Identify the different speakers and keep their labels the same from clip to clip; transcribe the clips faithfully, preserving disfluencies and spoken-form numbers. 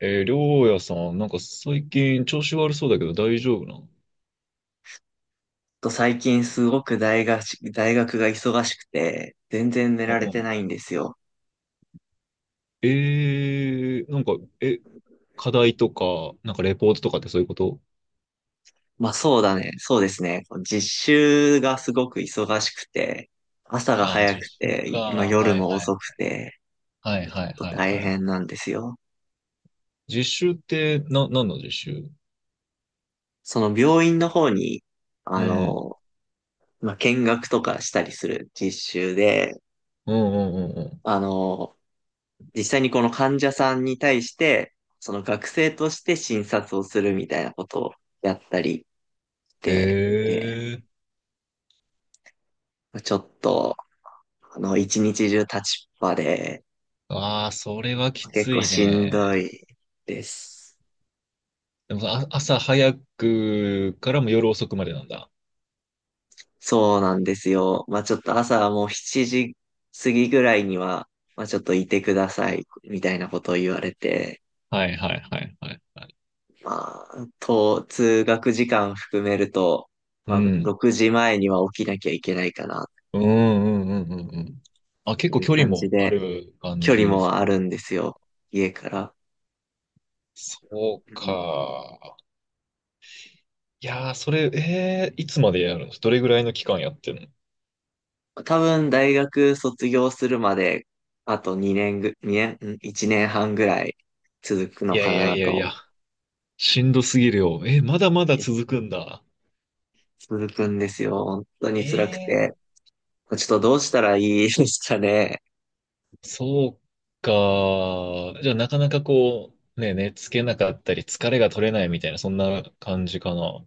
Speaker 1: えー、りょうやさん、なんか最近調子悪そうだけど大丈夫なの？
Speaker 2: と最近すごく大学大学が忙しくて、全然寝
Speaker 1: う
Speaker 2: られて
Speaker 1: ん。
Speaker 2: ないんですよ。
Speaker 1: えー、なんか、え、課題とか、なんかレポートとかってそういうこと？
Speaker 2: まあそうだね。そうですね。実習がすごく忙しくて、朝が
Speaker 1: ああ、
Speaker 2: 早
Speaker 1: 実
Speaker 2: く
Speaker 1: 習か。
Speaker 2: て、まあ夜
Speaker 1: はい
Speaker 2: も
Speaker 1: はい。
Speaker 2: 遅くて、
Speaker 1: はい
Speaker 2: ちょ
Speaker 1: は
Speaker 2: っ
Speaker 1: い
Speaker 2: と
Speaker 1: はい
Speaker 2: 大
Speaker 1: はい。
Speaker 2: 変なんですよ。
Speaker 1: 実習って、な、何の実習？
Speaker 2: その病院の方に、
Speaker 1: う
Speaker 2: あ
Speaker 1: ん。
Speaker 2: の、まあ見学とかしたりする実習で、
Speaker 1: うんうんうんう
Speaker 2: あの、実際にこの患者さんに対して、その学生として診察をするみたいなことをやったり
Speaker 1: ん。
Speaker 2: して、
Speaker 1: えー、
Speaker 2: ちょっと、あの、一日中立ちっぱで、
Speaker 1: ああ、それはき
Speaker 2: 結
Speaker 1: つ
Speaker 2: 構
Speaker 1: い
Speaker 2: しんど
Speaker 1: ね。
Speaker 2: いです。
Speaker 1: でもあ、朝早くからも夜遅くまでなんだ。
Speaker 2: そうなんですよ。まあちょっと朝はもうしちじ過ぎぐらいには、まあちょっといてください、みたいなことを言われて、
Speaker 1: はいはいはいはいはい。
Speaker 2: まあ、と、通学時間含めると、
Speaker 1: う
Speaker 2: まあ
Speaker 1: ん。
Speaker 2: ろくじまえには起きなきゃいけないかな、
Speaker 1: うんうんうんうんうん。あ、結
Speaker 2: と
Speaker 1: 構
Speaker 2: いう
Speaker 1: 距離
Speaker 2: 感じ
Speaker 1: もあ
Speaker 2: で、
Speaker 1: る感
Speaker 2: 距
Speaker 1: じ
Speaker 2: 離
Speaker 1: です。
Speaker 2: もあるんですよ、家から。
Speaker 1: そうか。いやー、それ、えー、いつまでやるの？どれぐらいの期間やってるの？
Speaker 2: 多分大学卒業するまで、あと2年ぐ、2年、いちねんいちねんはんぐらい続く
Speaker 1: い
Speaker 2: の
Speaker 1: や
Speaker 2: か
Speaker 1: いや
Speaker 2: な
Speaker 1: いやい
Speaker 2: と。
Speaker 1: や、しんどすぎるよ。えー、まだま
Speaker 2: い
Speaker 1: だ
Speaker 2: や
Speaker 1: 続くんだ。
Speaker 2: 続くんですよ。本当に辛く
Speaker 1: えー、
Speaker 2: て。ちょっとどうしたらいいですかね。
Speaker 1: そうか。じゃあ、なかなかこう、ね、寝つけなかったり、疲れが取れないみたいな、そんな感じかな。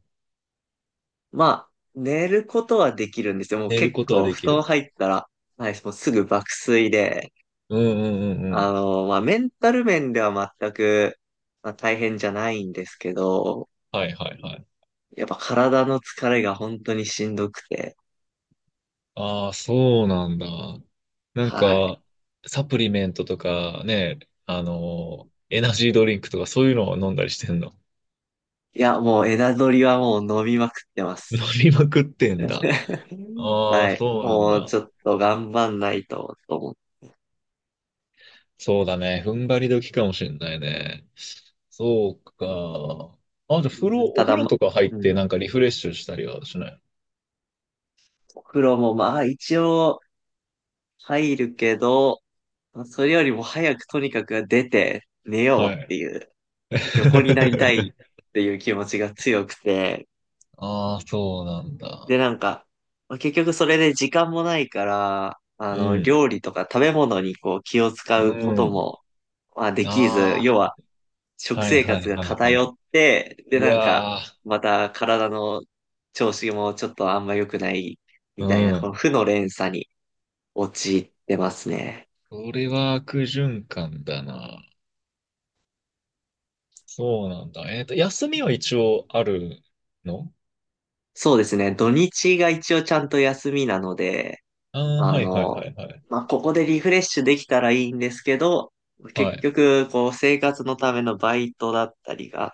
Speaker 2: まあ、寝ることはできるんですよ。もう
Speaker 1: 寝る
Speaker 2: 結
Speaker 1: ことは
Speaker 2: 構
Speaker 1: で
Speaker 2: 布
Speaker 1: き
Speaker 2: 団
Speaker 1: る。
Speaker 2: 入ったら、はい、もうすぐ爆睡で、
Speaker 1: うんうんうんう
Speaker 2: あ
Speaker 1: ん。
Speaker 2: の、まあメンタル面では全く、まあ、大変じゃないんですけど、
Speaker 1: はいはいはい。
Speaker 2: やっぱ体の疲れが本当にしんどくて、
Speaker 1: ああ、そうなんだ。なん
Speaker 2: はい。
Speaker 1: か、サプリメントとかね、あのエナジードリンクとかそういうのを飲んだりしてんの？
Speaker 2: いや、もう枝取りはもう飲みまくってま
Speaker 1: 飲
Speaker 2: す。
Speaker 1: みまくってん だ。ああ、
Speaker 2: はい。
Speaker 1: そうなん
Speaker 2: もう
Speaker 1: だ。
Speaker 2: ちょっと頑張んないと、と思う。
Speaker 1: そうだね。踏ん張り時かもしんないね。そうか。あ、じゃあ、風
Speaker 2: う
Speaker 1: 呂、
Speaker 2: ん
Speaker 1: お
Speaker 2: た
Speaker 1: 風
Speaker 2: だ、
Speaker 1: 呂
Speaker 2: ま、
Speaker 1: とか入っ
Speaker 2: うん。
Speaker 1: てなんかリフレッシュしたりはしない？
Speaker 2: お風呂もまあ一応入るけど、それよりも早くとにかく出て寝よ
Speaker 1: は
Speaker 2: うって
Speaker 1: い。
Speaker 2: いう、横になりたい っていう気持ちが強くて、
Speaker 1: ああ、そうなんだ。
Speaker 2: でなんか、まあ結局それで時間もないから、あ
Speaker 1: う
Speaker 2: の、
Speaker 1: ん。
Speaker 2: 料理とか食べ物にこう気を使うこ
Speaker 1: う
Speaker 2: と
Speaker 1: ん。
Speaker 2: も、まあできず、
Speaker 1: あ
Speaker 2: 要は
Speaker 1: あ、
Speaker 2: 食
Speaker 1: はい
Speaker 2: 生
Speaker 1: はい
Speaker 2: 活が
Speaker 1: はいは
Speaker 2: 偏
Speaker 1: い。
Speaker 2: って、で、
Speaker 1: う
Speaker 2: なんか、
Speaker 1: わ
Speaker 2: また体の調子もちょっとあんま良くないみ
Speaker 1: ー。う
Speaker 2: たいな、この
Speaker 1: ん。
Speaker 2: 負の連鎖に陥ってますね。
Speaker 1: それは悪循環だな。そうなんだ。えっと、休みは一応あるの？
Speaker 2: そうですね。土日が一応ちゃんと休みなので、
Speaker 1: ああー、
Speaker 2: あ
Speaker 1: はいはい
Speaker 2: の、
Speaker 1: はいはい。
Speaker 2: まあ、ここでリフレッシュできたらいいんですけど、
Speaker 1: は
Speaker 2: 結
Speaker 1: い。
Speaker 2: 局、こう、生活のためのバイトだったりが、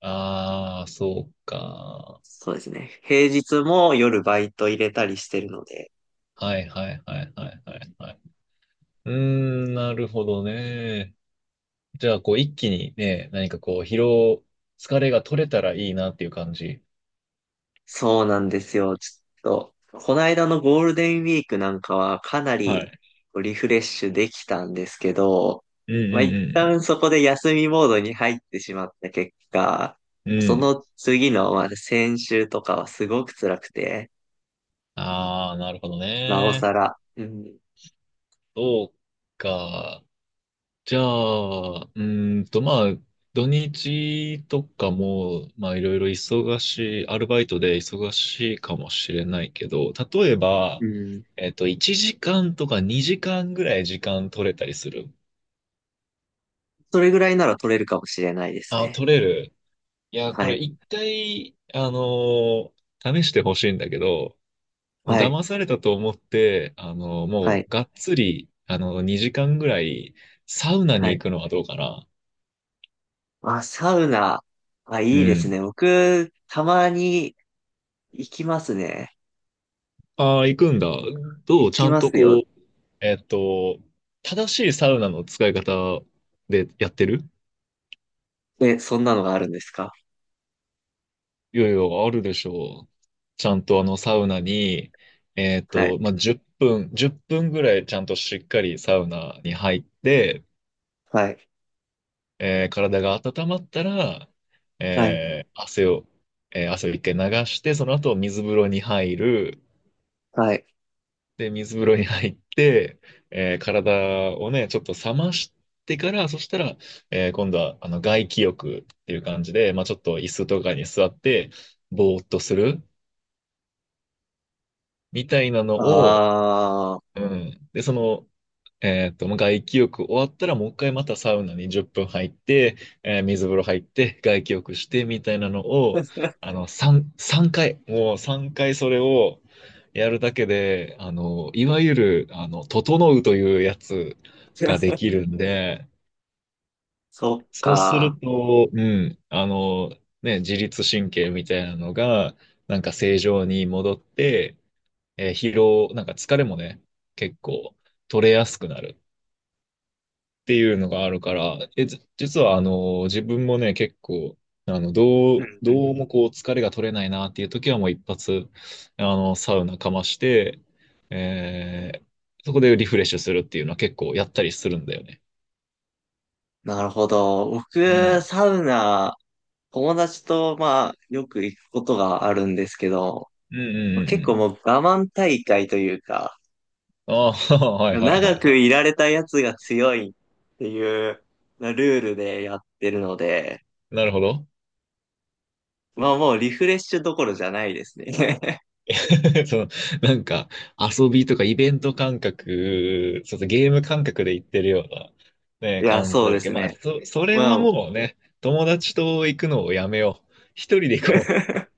Speaker 1: ああ、そうか。
Speaker 2: そうですね。平日も夜バイト入れたりしてるので、
Speaker 1: はいはいはいはいはいはい。うーん、なるほどね。じゃあ、こう、一気にね、何かこう、疲労、疲れが取れたらいいなっていう感じ。
Speaker 2: そうなんですよ。ちょっと、この間のゴールデンウィークなんかはかな
Speaker 1: は
Speaker 2: り
Speaker 1: い。
Speaker 2: リフレッシュできたんですけど、
Speaker 1: うん
Speaker 2: まあ、一
Speaker 1: う
Speaker 2: 旦
Speaker 1: ん
Speaker 2: そこで休みモードに入ってしまった結果、
Speaker 1: うんうん。
Speaker 2: そ
Speaker 1: うん。
Speaker 2: の次の、まあ、先週とかはすごく辛くて、
Speaker 1: ああ、なるほど
Speaker 2: なお
Speaker 1: ね。
Speaker 2: さら、うん、
Speaker 1: そうか。じゃあ、うーんと、まあ、土日とかも、まあ、いろいろ忙しい、アルバイトで忙しいかもしれないけど、例え
Speaker 2: う
Speaker 1: ば、
Speaker 2: ん、
Speaker 1: えっと、いちじかんとかにじかんぐらい時間取れたりする？
Speaker 2: それぐらいなら取れるかもしれないです
Speaker 1: あ、
Speaker 2: ね。
Speaker 1: 取れる。いや、こ
Speaker 2: は
Speaker 1: れ
Speaker 2: い、
Speaker 1: 一回、あのー試してほしいんだけど、もう
Speaker 2: はい、
Speaker 1: 騙されたと思って、あのー
Speaker 2: は
Speaker 1: も
Speaker 2: い、
Speaker 1: う、がっつり、あのにじかんぐらい、サウナに
Speaker 2: はい。
Speaker 1: 行くのはどうかな。
Speaker 2: まあ、サウナ、あ、
Speaker 1: う
Speaker 2: いいですね。
Speaker 1: ん。
Speaker 2: 僕、たまに行きますね。
Speaker 1: ああ、行くんだ。どう
Speaker 2: 行
Speaker 1: ち
Speaker 2: き
Speaker 1: ゃん
Speaker 2: ま
Speaker 1: と
Speaker 2: すよ。
Speaker 1: こう、えっと、正しいサウナの使い方でやってる？
Speaker 2: え、そんなのがあるんですか？
Speaker 1: いやいや、あるでしょう。ちゃんとあのサウナに、えっ
Speaker 2: はい。
Speaker 1: と、まあ、じゅっぷん、いっぷんぐらいちゃんとしっかりサウナに入って、
Speaker 2: はい。
Speaker 1: えー体が温まったら、
Speaker 2: はい。
Speaker 1: えー汗を、えー汗を一回流して、その後水風呂に入る。
Speaker 2: はい。
Speaker 1: で、水風呂に入って、えー体をね、ちょっと冷ましてから、そしたら、えー今度は、あの、外気浴っていう感じで、まあ、ちょっと椅子とかに座って、ぼーっとするみたいなのを、
Speaker 2: ああ。
Speaker 1: うん。で、その、えっと、まあ外気浴終わったらもう一回またサウナにじゅっぷん入って、えー水風呂入って外気浴してみたいなのを、あ の、さん、さんかい、もうさんかいそれをやるだけで、あの、いわゆる、あの、整うというやつができるんで、
Speaker 2: そっ
Speaker 1: そうす
Speaker 2: か。
Speaker 1: ると、うん、あの、ね、自律神経みたいなのが、なんか正常に戻って、えー疲労、なんか疲れもね、結構取れやすくなる。っていうのがあるから、え、じ実はあの、自分もね、結構、あの、ど
Speaker 2: う
Speaker 1: う、
Speaker 2: んうん。
Speaker 1: どうもこう、疲れが取れないなっていう時はもう一発、あの、サウナかまして、えーそこでリフレッシュするっていうのは結構やったりするんだよね。
Speaker 2: なるほど。
Speaker 1: う
Speaker 2: 僕、
Speaker 1: ん。
Speaker 2: サウナ、友達と、まあ、よく行くことがあるんですけど、
Speaker 1: うんうんうん
Speaker 2: 結
Speaker 1: う
Speaker 2: 構
Speaker 1: ん。
Speaker 2: もう我慢大会というか、
Speaker 1: ああ、はいはいは
Speaker 2: 長
Speaker 1: いは
Speaker 2: く
Speaker 1: い。
Speaker 2: いられたやつが強いっていうルールでやってるので、
Speaker 1: なるほど。
Speaker 2: まあもうリフレッシュどころじゃないですね。
Speaker 1: そう、なんか遊びとかイベント感覚、そうそう、ゲーム感覚で行ってるような、
Speaker 2: い
Speaker 1: ね、
Speaker 2: や、
Speaker 1: 感じ
Speaker 2: そう
Speaker 1: だろ
Speaker 2: で
Speaker 1: うけ
Speaker 2: す
Speaker 1: ど、まあ、
Speaker 2: ね。
Speaker 1: そ、それ
Speaker 2: ま
Speaker 1: は
Speaker 2: あ、
Speaker 1: もうね、友達と行くのをやめよう。一人で行こう。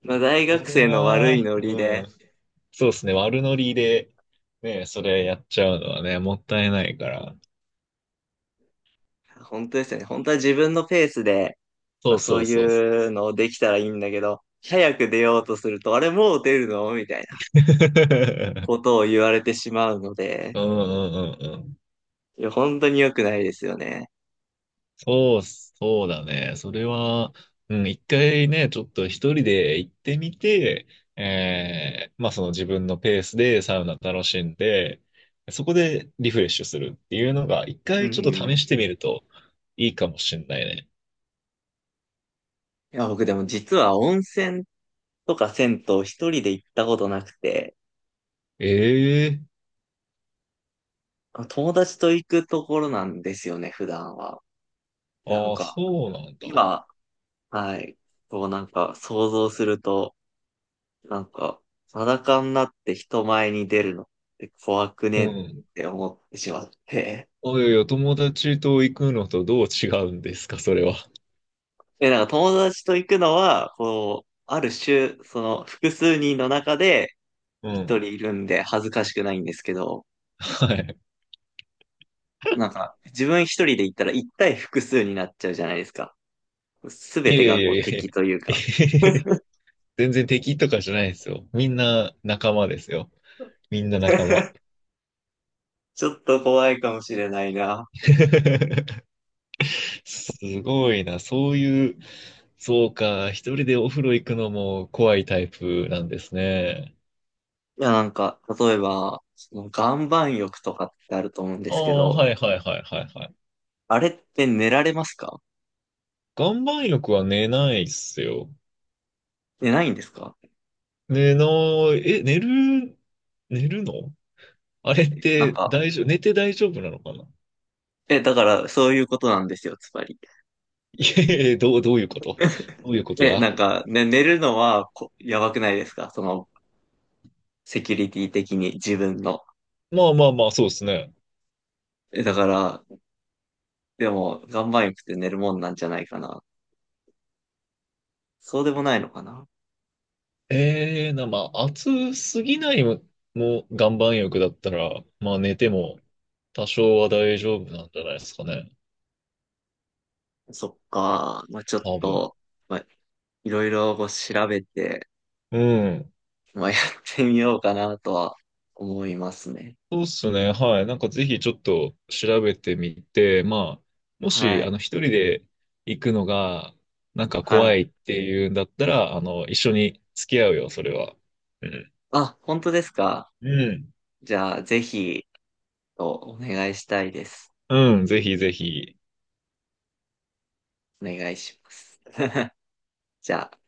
Speaker 2: まあ、大
Speaker 1: そ
Speaker 2: 学
Speaker 1: れ
Speaker 2: 生の悪い
Speaker 1: は、
Speaker 2: ノリ
Speaker 1: う
Speaker 2: で、
Speaker 1: ん、そうですね、悪ノリで、ね、それやっちゃうのはね、もったいないから。
Speaker 2: 本当ですよね。本当は自分のペースで、ま
Speaker 1: そ
Speaker 2: あ、
Speaker 1: うそ
Speaker 2: そう
Speaker 1: うそう。
Speaker 2: いうのをできたらいいんだけど、早く出ようとすると、あれもう出るのみたいな ことを言われてしまうので、
Speaker 1: うんうんうんうん。
Speaker 2: いや、本当に良くないですよね。
Speaker 1: そうっす、そうだね。それは、うん、一回ね、ちょっと一人で行ってみて、えー、まあその自分のペースでサウナ楽しんで、そこでリフレッシュするっていうのが、一
Speaker 2: うん
Speaker 1: 回ちょっと
Speaker 2: うん。い
Speaker 1: 試してみるといいかもしんないね。
Speaker 2: や、僕でも実は温泉とか銭湯一人で行ったことなくて、
Speaker 1: ええ。
Speaker 2: 友達と行くところなんですよね、普段は。なん
Speaker 1: ああ、
Speaker 2: か、
Speaker 1: そうなんだ。
Speaker 2: 今、はい、こうなんか想像すると、なんか、裸になって人前に出るのって怖く
Speaker 1: う
Speaker 2: ね？っ
Speaker 1: ん。
Speaker 2: て思ってしまって。
Speaker 1: おいおいお友達と行くのとどう違うんですか、それは。
Speaker 2: で、なんか友達と行くのは、こう、ある種、その複数人の中で
Speaker 1: う
Speaker 2: 一
Speaker 1: ん。
Speaker 2: 人いるんで恥ずかしくないんですけど、
Speaker 1: はい。
Speaker 2: なんか自分一人で行ったら一対複数になっちゃうじゃないですか。す
Speaker 1: い
Speaker 2: べ
Speaker 1: やい
Speaker 2: てが
Speaker 1: や
Speaker 2: こ
Speaker 1: い
Speaker 2: う
Speaker 1: やい
Speaker 2: 敵という
Speaker 1: や。
Speaker 2: か。
Speaker 1: 全然敵とかじゃないですよ。みんな仲間ですよ。みんな仲間。
Speaker 2: ちょっと怖いかもしれないな。
Speaker 1: すごいな。そういう、そうか。一人でお風呂行くのも怖いタイプなんですね。
Speaker 2: いや、なんか、例えば、その岩盤浴とかってあると思うんで
Speaker 1: あ
Speaker 2: すけ
Speaker 1: あ、は
Speaker 2: ど、
Speaker 1: いはいはいはいはい。
Speaker 2: あれって寝られますか？
Speaker 1: 岩盤浴は寝ないっすよ。
Speaker 2: 寝ないんですか？
Speaker 1: 寝ない、え、寝る、寝るの？あれっ
Speaker 2: なん
Speaker 1: て
Speaker 2: か、
Speaker 1: 大丈夫、寝て大丈夫なのかな？
Speaker 2: え、だからそういうことなんですよ、つまり。
Speaker 1: いえいえ、どう、どういうこと？どういうこと
Speaker 2: え、な
Speaker 1: だ？
Speaker 2: んか、ね、寝るのはこやばくないですか？その、セキュリティ的に自分の。
Speaker 1: まあまあまあ、そうですね。
Speaker 2: え、だから、でも、岩盤浴って寝るもんなんじゃないかな。そうでもないのかな？
Speaker 1: ええな、まあ、暑すぎないも、もう岩盤浴だったら、まあ、寝ても多少は大丈夫なんじゃないですかね。
Speaker 2: そっか。まあ、ちょっ
Speaker 1: 多分。
Speaker 2: と、まあ、いろいろこう調べて、
Speaker 1: うん。
Speaker 2: まあ、やってみようかなとは思いますね。
Speaker 1: そうっすね。はい。なんかぜひちょっと調べてみて、まあ、もし、
Speaker 2: は
Speaker 1: あ
Speaker 2: い。
Speaker 1: の、一人で行くのが、なんか
Speaker 2: は
Speaker 1: 怖
Speaker 2: い。
Speaker 1: いっていうんだったら、あの、一緒に付き合うよ、それは。うん。
Speaker 2: あ、本当ですか？
Speaker 1: うん。
Speaker 2: じゃあ、ぜひ、お願いしたいです。
Speaker 1: うん、ぜひぜひ。
Speaker 2: お願いします。じゃあ。